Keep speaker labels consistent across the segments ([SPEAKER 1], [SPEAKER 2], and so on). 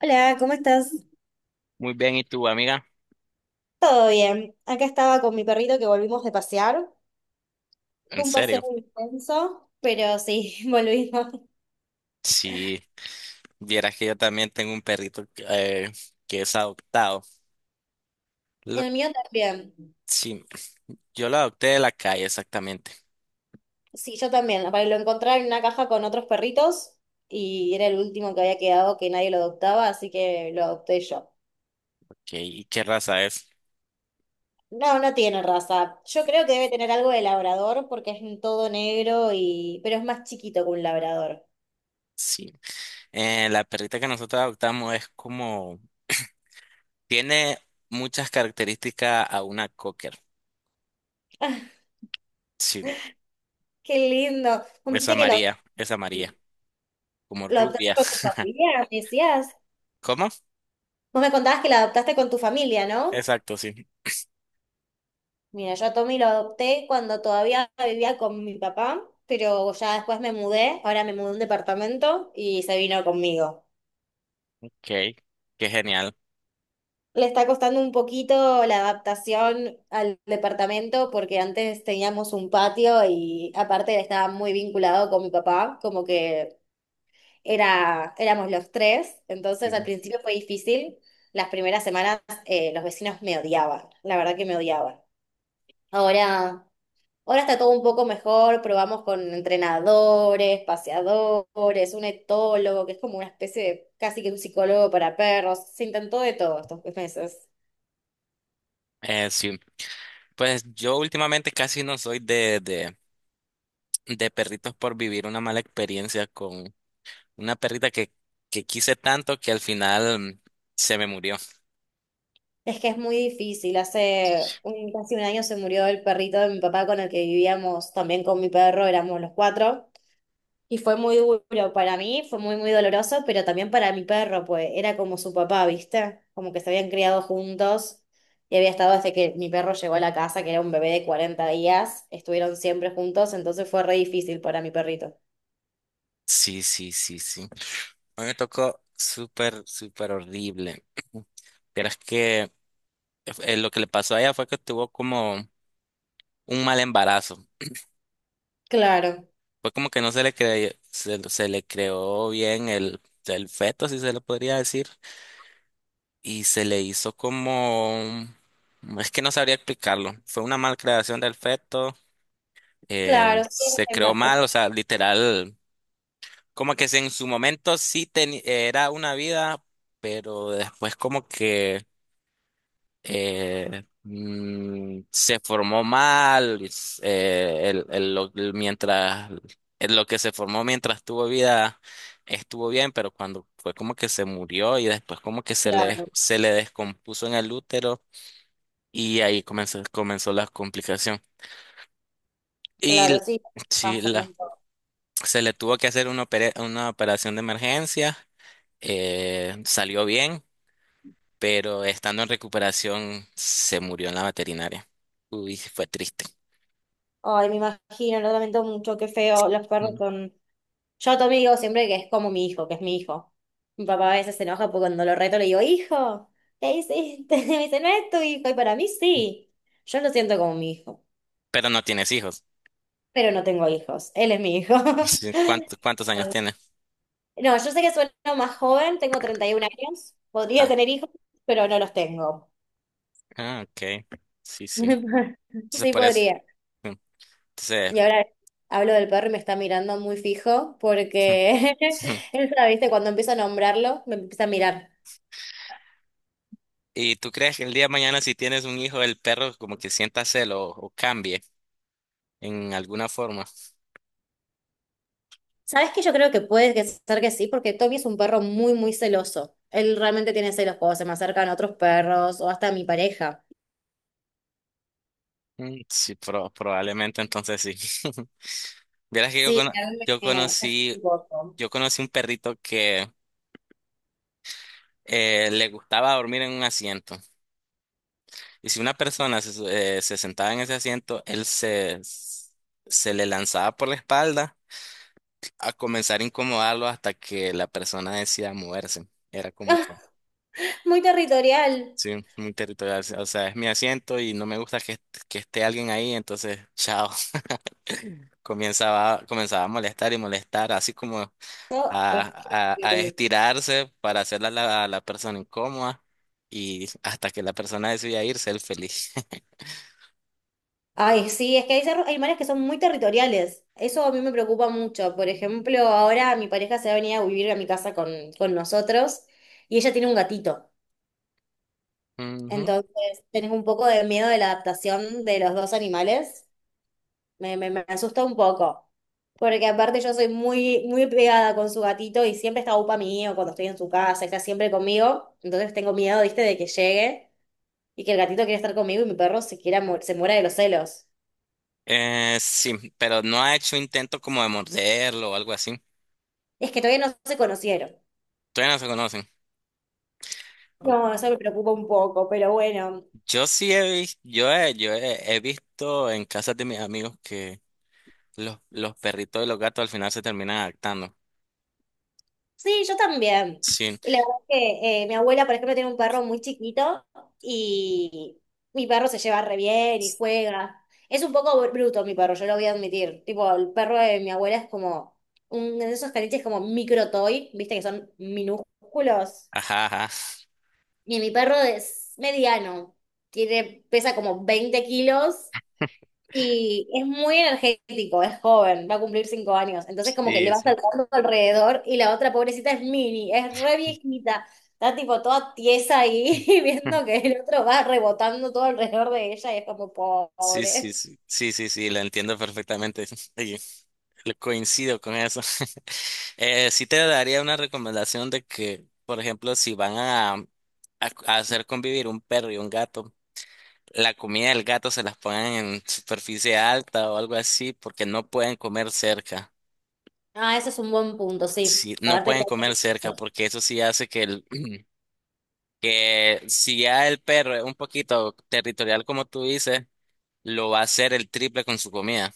[SPEAKER 1] Hola, ¿cómo estás?
[SPEAKER 2] Muy bien, ¿y tú, amiga?
[SPEAKER 1] Todo bien. Acá estaba con mi perrito que volvimos de pasear.
[SPEAKER 2] En
[SPEAKER 1] Fue un paseo
[SPEAKER 2] serio,
[SPEAKER 1] muy intenso, pero sí, volvimos.
[SPEAKER 2] si vieras que yo también tengo un perrito que es adoptado. Lo-
[SPEAKER 1] El mío también.
[SPEAKER 2] sí, yo lo adopté de la calle, exactamente.
[SPEAKER 1] Sí, yo también. Aparte, lo encontré en una caja con otros perritos y era el último que había quedado que nadie lo adoptaba, así que lo adopté yo.
[SPEAKER 2] Ok, ¿y qué raza es?
[SPEAKER 1] No, no tiene raza. Yo creo que debe tener algo de labrador porque es todo negro y pero es más chiquito que un labrador.
[SPEAKER 2] Sí, la perrita que nosotros adoptamos es como, tiene muchas características a una cocker. Sí,
[SPEAKER 1] Qué lindo. Como dijiste que lo,
[SPEAKER 2] es amarilla, como
[SPEAKER 1] lo adoptaste
[SPEAKER 2] rubia.
[SPEAKER 1] con tu familia, me decías.
[SPEAKER 2] ¿Cómo?
[SPEAKER 1] Vos me contabas que la adoptaste con tu familia, ¿no?
[SPEAKER 2] Exacto, sí.
[SPEAKER 1] Mira, yo a Tommy lo adopté cuando todavía vivía con mi papá, pero ya después me mudé, ahora me mudé a un departamento y se vino conmigo.
[SPEAKER 2] Ok, qué genial.
[SPEAKER 1] Le está costando un poquito la adaptación al departamento porque antes teníamos un patio y aparte él estaba muy vinculado con mi papá, como que era, éramos los tres, entonces al
[SPEAKER 2] Sí.
[SPEAKER 1] principio fue difícil. Las primeras semanas los vecinos me odiaban, la verdad que me odiaban. Ahora... Ahora está todo un poco mejor, probamos con entrenadores, paseadores, un etólogo, que es como una especie de casi que un psicólogo para perros. Se intentó de todo estos meses.
[SPEAKER 2] Sí, pues yo últimamente casi no soy de perritos por vivir una mala experiencia con una perrita que quise tanto que al final se me murió.
[SPEAKER 1] Es que es muy difícil. Casi un año se murió el perrito de mi papá con el que vivíamos, también con mi perro, éramos los cuatro. Y fue muy duro para mí, fue muy, muy doloroso, pero también para mi perro, pues era como su papá, ¿viste? Como que se habían criado juntos y había estado desde que mi perro llegó a la casa, que era un bebé de 40 días, estuvieron siempre juntos, entonces fue re difícil para mi perrito.
[SPEAKER 2] Sí, sí, sí, sí. A mí me tocó súper, súper horrible. Pero es que lo que le pasó a ella fue que tuvo como un mal embarazo.
[SPEAKER 1] Claro,
[SPEAKER 2] Fue como que no se le cre- se le creó bien el feto, si se lo podría decir. Y se le hizo como... Es que no sabría explicarlo. Fue una malcreación del feto,
[SPEAKER 1] claro, sí,
[SPEAKER 2] se
[SPEAKER 1] es
[SPEAKER 2] creó mal,
[SPEAKER 1] mal-
[SPEAKER 2] o sea, literal, como que en su momento sí era una vida, pero después como que se formó mal, es- el lo- el mientras, el lo que se formó mientras tuvo vida estuvo bien, pero cuando fue como que se murió y después como que se le,
[SPEAKER 1] claro,
[SPEAKER 2] se le descompuso en el útero y ahí comenzó la complicación. Y
[SPEAKER 1] claro,
[SPEAKER 2] l-
[SPEAKER 1] sí,
[SPEAKER 2] sí,
[SPEAKER 1] pasa
[SPEAKER 2] la
[SPEAKER 1] mucho.
[SPEAKER 2] se le tuvo que hacer una operación de emergencia, salió bien, pero estando en recuperación se murió en la veterinaria. Uy, fue triste.
[SPEAKER 1] Ay, me imagino, lo lamento mucho, qué feo los perros
[SPEAKER 2] Mm.
[SPEAKER 1] con Yo a también digo siempre que es como mi hijo, que es mi hijo. Mi papá a veces se enoja porque cuando lo reto le digo, hijo, ¿qué hiciste? Me dice, no es tu hijo. Y para mí sí. Yo lo siento como mi hijo,
[SPEAKER 2] Pero no tienes hijos.
[SPEAKER 1] pero no tengo hijos. Él es mi hijo.
[SPEAKER 2] Sí, ¿cuántos años tienes?
[SPEAKER 1] No, yo sé que sueno más joven, tengo 31 años, podría
[SPEAKER 2] Ah,
[SPEAKER 1] tener hijos, pero no los tengo.
[SPEAKER 2] ah, ok. Sí, sí. Entonces
[SPEAKER 1] Sí,
[SPEAKER 2] por eso.
[SPEAKER 1] podría.
[SPEAKER 2] mm, Entonces,
[SPEAKER 1] Y ahora hablo del perro y me está mirando muy fijo porque él, ¿viste? Cuando empiezo a nombrarlo, me empieza a mirar.
[SPEAKER 2] ¿y tú crees que el día de mañana si tienes un hijo, el perro como que sienta celo o cambie en alguna forma?
[SPEAKER 1] ¿Sabes qué? Yo creo que puede que ser que sí, porque Tommy es un perro muy, muy celoso. Él realmente tiene celos cuando se me acercan otros perros o hasta mi pareja.
[SPEAKER 2] Mm, sí, probablemente entonces sí. Vieras que
[SPEAKER 1] Sí, a mí
[SPEAKER 2] yo
[SPEAKER 1] me es
[SPEAKER 2] conocí
[SPEAKER 1] un poco.
[SPEAKER 2] Yo conocí un perrito que le gustaba dormir en un asiento. Y si una persona se sentaba en ese asiento, él se, se le lanzaba por la espalda a comenzar a incomodarlo hasta que la persona decía moverse. Era como que,
[SPEAKER 1] Muy territorial.
[SPEAKER 2] sí, muy territorial. O sea, es mi asiento y no me gusta que esté alguien ahí. Entonces, chao. Comenzaba a molestar y molestar, así como
[SPEAKER 1] No, es que
[SPEAKER 2] a estirarse para hacerla a la persona incómoda y hasta que la persona decida irse, él feliz.
[SPEAKER 1] Ay, sí, es que hay animales que son muy territoriales. Eso a mí me preocupa mucho. Por ejemplo, ahora mi pareja se va a venir a vivir a mi casa con nosotros y ella tiene un gatito.
[SPEAKER 2] Ujú.
[SPEAKER 1] Entonces, tenés un poco de miedo de la adaptación de los dos animales. Me asusta un poco. Porque aparte yo soy muy, muy pegada con su gatito y siempre está upa mío cuando estoy en su casa, está siempre conmigo. Entonces tengo miedo, viste, de que llegue y que el gatito quiera estar conmigo y mi perro se quiera se muera de los celos.
[SPEAKER 2] Sí, pero no ha hecho intento como de morderlo o algo así.
[SPEAKER 1] Es que todavía no se conocieron.
[SPEAKER 2] Todavía no se conocen. O-
[SPEAKER 1] No, eso me preocupa un poco, pero bueno.
[SPEAKER 2] Yo sí he visto, he visto en casas de mis amigos que los perritos y los gatos al final se terminan adaptando.
[SPEAKER 1] Sí, yo también.
[SPEAKER 2] Sí,
[SPEAKER 1] Y la verdad es que mi abuela, por ejemplo, tiene un perro muy chiquito y mi perro se lleva re bien y juega. Es un poco bruto mi perro, yo lo voy a admitir. Tipo, el perro de mi abuela es como un de esos caniches como micro toy, viste que son minúsculos.
[SPEAKER 2] ajá, ajá.
[SPEAKER 1] Y mi perro es mediano, tiene, pesa como 20 kilos y es muy energético, es joven, va a cumplir 5 años. Entonces como que le
[SPEAKER 2] Sí,
[SPEAKER 1] va
[SPEAKER 2] sí.
[SPEAKER 1] saltando alrededor y la otra pobrecita es mini, es re viejita. Está tipo toda tiesa ahí viendo que el otro va rebotando todo alrededor de ella y es como
[SPEAKER 2] Sí, sí,
[SPEAKER 1] pobre.
[SPEAKER 2] sí, sí, sí, sí, la entiendo perfectamente. Le coincido con eso. Sí, te daría una recomendación de que, por ejemplo, si van a hacer convivir un perro y un gato, la comida del gato se las pongan en superficie alta o algo así, porque no pueden comer cerca.
[SPEAKER 1] Ah, ese es un buen punto, sí.
[SPEAKER 2] Sí,
[SPEAKER 1] A
[SPEAKER 2] no
[SPEAKER 1] ver, te
[SPEAKER 2] pueden comer cerca, porque eso sí hace que el, que si ya el perro es un poquito territorial como tú dices, lo va a hacer el triple con su comida.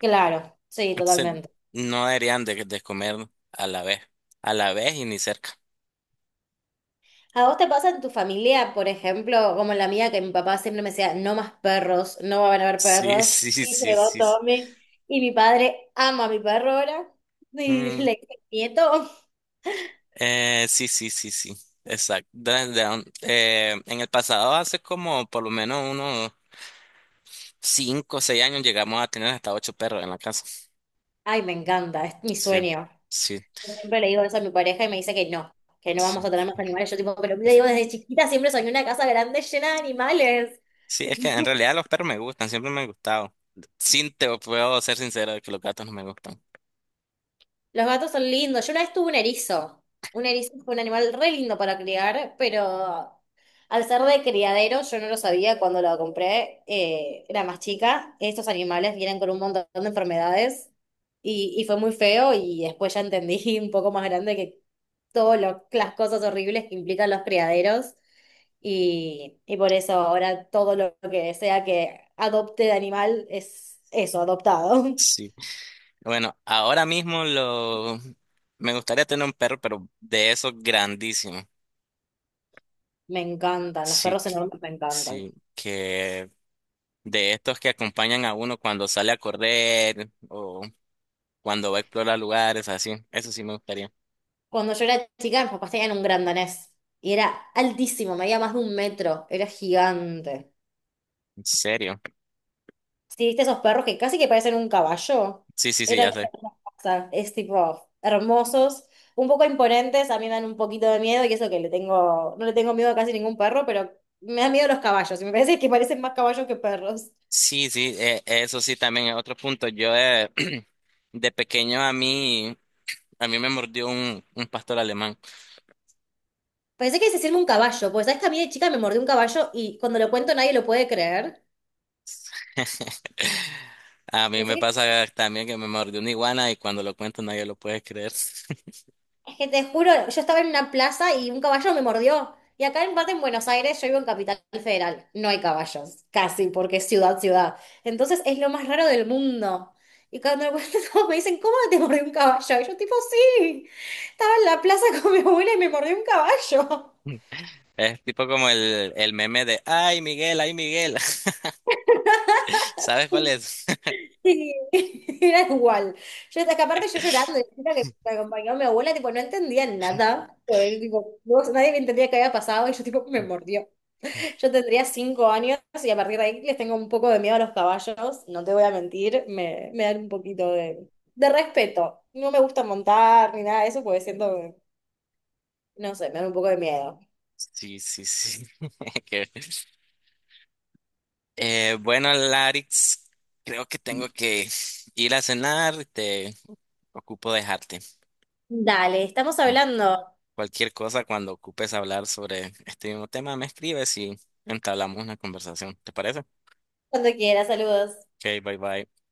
[SPEAKER 1] claro, sí,
[SPEAKER 2] Entonces,
[SPEAKER 1] totalmente.
[SPEAKER 2] no deberían de comer a la vez, a la vez y ni cerca.
[SPEAKER 1] ¿A vos te pasa en tu familia, por ejemplo, como en la mía, que mi papá siempre me decía, no más perros, no van a haber
[SPEAKER 2] Sí,
[SPEAKER 1] perros?
[SPEAKER 2] sí, sí,
[SPEAKER 1] Y
[SPEAKER 2] sí.
[SPEAKER 1] llegó
[SPEAKER 2] Sí.
[SPEAKER 1] Tommy, y mi padre ama a mi perro ahora, y
[SPEAKER 2] Mm,
[SPEAKER 1] le dice, nieto,
[SPEAKER 2] sí, sí, sí, sí. Exacto. Dun Down. En el pasado, hace como por lo menos unos 5 o 6 años, llegamos a tener hasta ocho perros en la casa.
[SPEAKER 1] ay, me encanta, es mi
[SPEAKER 2] Sí,
[SPEAKER 1] sueño.
[SPEAKER 2] sí,
[SPEAKER 1] Yo siempre le digo eso a mi pareja y me dice que no vamos
[SPEAKER 2] sí.
[SPEAKER 1] a tener más animales. Yo tipo, pero le digo, desde chiquita siempre soñé una casa grande llena de animales.
[SPEAKER 2] Sí, es que en realidad los perros me gustan, siempre me han gustado. Sí, te puedo ser sincero de que los gatos no me gustan.
[SPEAKER 1] Los gatos son lindos. Yo una vez tuve un erizo. Un erizo fue un animal re lindo para criar, pero al ser de criadero, yo no lo sabía cuando lo compré, era más chica. Estos animales vienen con un montón de enfermedades y fue muy feo y después ya entendí un poco más grande que todas las cosas horribles que implican los criaderos. Y por eso ahora todo lo que sea que adopte de animal es eso, adoptado.
[SPEAKER 2] Sí. Bueno, ahora mismo lo... me gustaría tener un perro, pero de esos grandísimos.
[SPEAKER 1] Me encantan, los
[SPEAKER 2] Sí,
[SPEAKER 1] perros enormes me encantan.
[SPEAKER 2] que de estos que acompañan a uno cuando sale a correr o cuando va a explorar lugares, así. Eso sí me gustaría.
[SPEAKER 1] Cuando yo era chica, mis papás tenían un gran danés y era altísimo, medía más de un metro, era gigante.
[SPEAKER 2] ¿En serio?
[SPEAKER 1] Sí, viste esos perros que casi que parecen un caballo.
[SPEAKER 2] Sí, sí, sí,
[SPEAKER 1] Era
[SPEAKER 2] ya
[SPEAKER 1] la
[SPEAKER 2] sé.
[SPEAKER 1] misma cosa. Es tipo hermosos, un poco imponentes, a mí me dan un poquito de miedo y eso que le tengo, no le tengo miedo a casi ningún perro, pero me dan miedo los caballos y me parece que parecen más caballos que perros.
[SPEAKER 2] Sí, sí, eso sí también es otro punto. Yo, de pequeño a mí me mordió un pastor alemán.
[SPEAKER 1] Pensé que es decirme un caballo, pues sabes que a mí de chica me mordió un caballo y cuando lo cuento nadie lo puede creer.
[SPEAKER 2] A mí
[SPEAKER 1] Pensé
[SPEAKER 2] me
[SPEAKER 1] que
[SPEAKER 2] pasa también que me mordió una iguana y cuando lo cuento nadie lo puede creer.
[SPEAKER 1] Es que te juro, yo estaba en una plaza y un caballo me mordió. Y acá en parte en Buenos Aires, yo vivo en Capital Federal, no hay caballos, casi, porque es ciudad, ciudad. Entonces es lo más raro del mundo. Y cuando me cuentan, todos me dicen, ¿cómo te mordió un caballo? Y yo tipo, sí, estaba en la plaza con mi abuela y me mordió un caballo.
[SPEAKER 2] Es tipo como el meme de, ay, Miguel, ay, Miguel. ¿Sabes cuál es?
[SPEAKER 1] Y era igual. Yo, es que aparte yo llorando, y la chica que me acompañó mi abuela, tipo, no entendía nada. Pues, tipo, nadie me entendía qué había pasado y yo tipo, me mordió. Yo tendría 5 años y a partir de ahí les tengo un poco de miedo a los caballos, no te voy a mentir, me dan un poquito de, respeto. No me gusta montar ni nada de eso porque siento que, no sé, me dan un poco de miedo.
[SPEAKER 2] Sí, sí, sí. Que- bueno, Larix, creo que tengo que ir a cenar. Te ocupo dejarte.
[SPEAKER 1] Dale, estamos
[SPEAKER 2] Mm.
[SPEAKER 1] hablando.
[SPEAKER 2] Cualquier cosa, cuando ocupes hablar sobre este mismo tema, me escribes y entablamos una conversación. ¿Te parece?
[SPEAKER 1] Cuando quieras, saludos.
[SPEAKER 2] Ok, bye bye.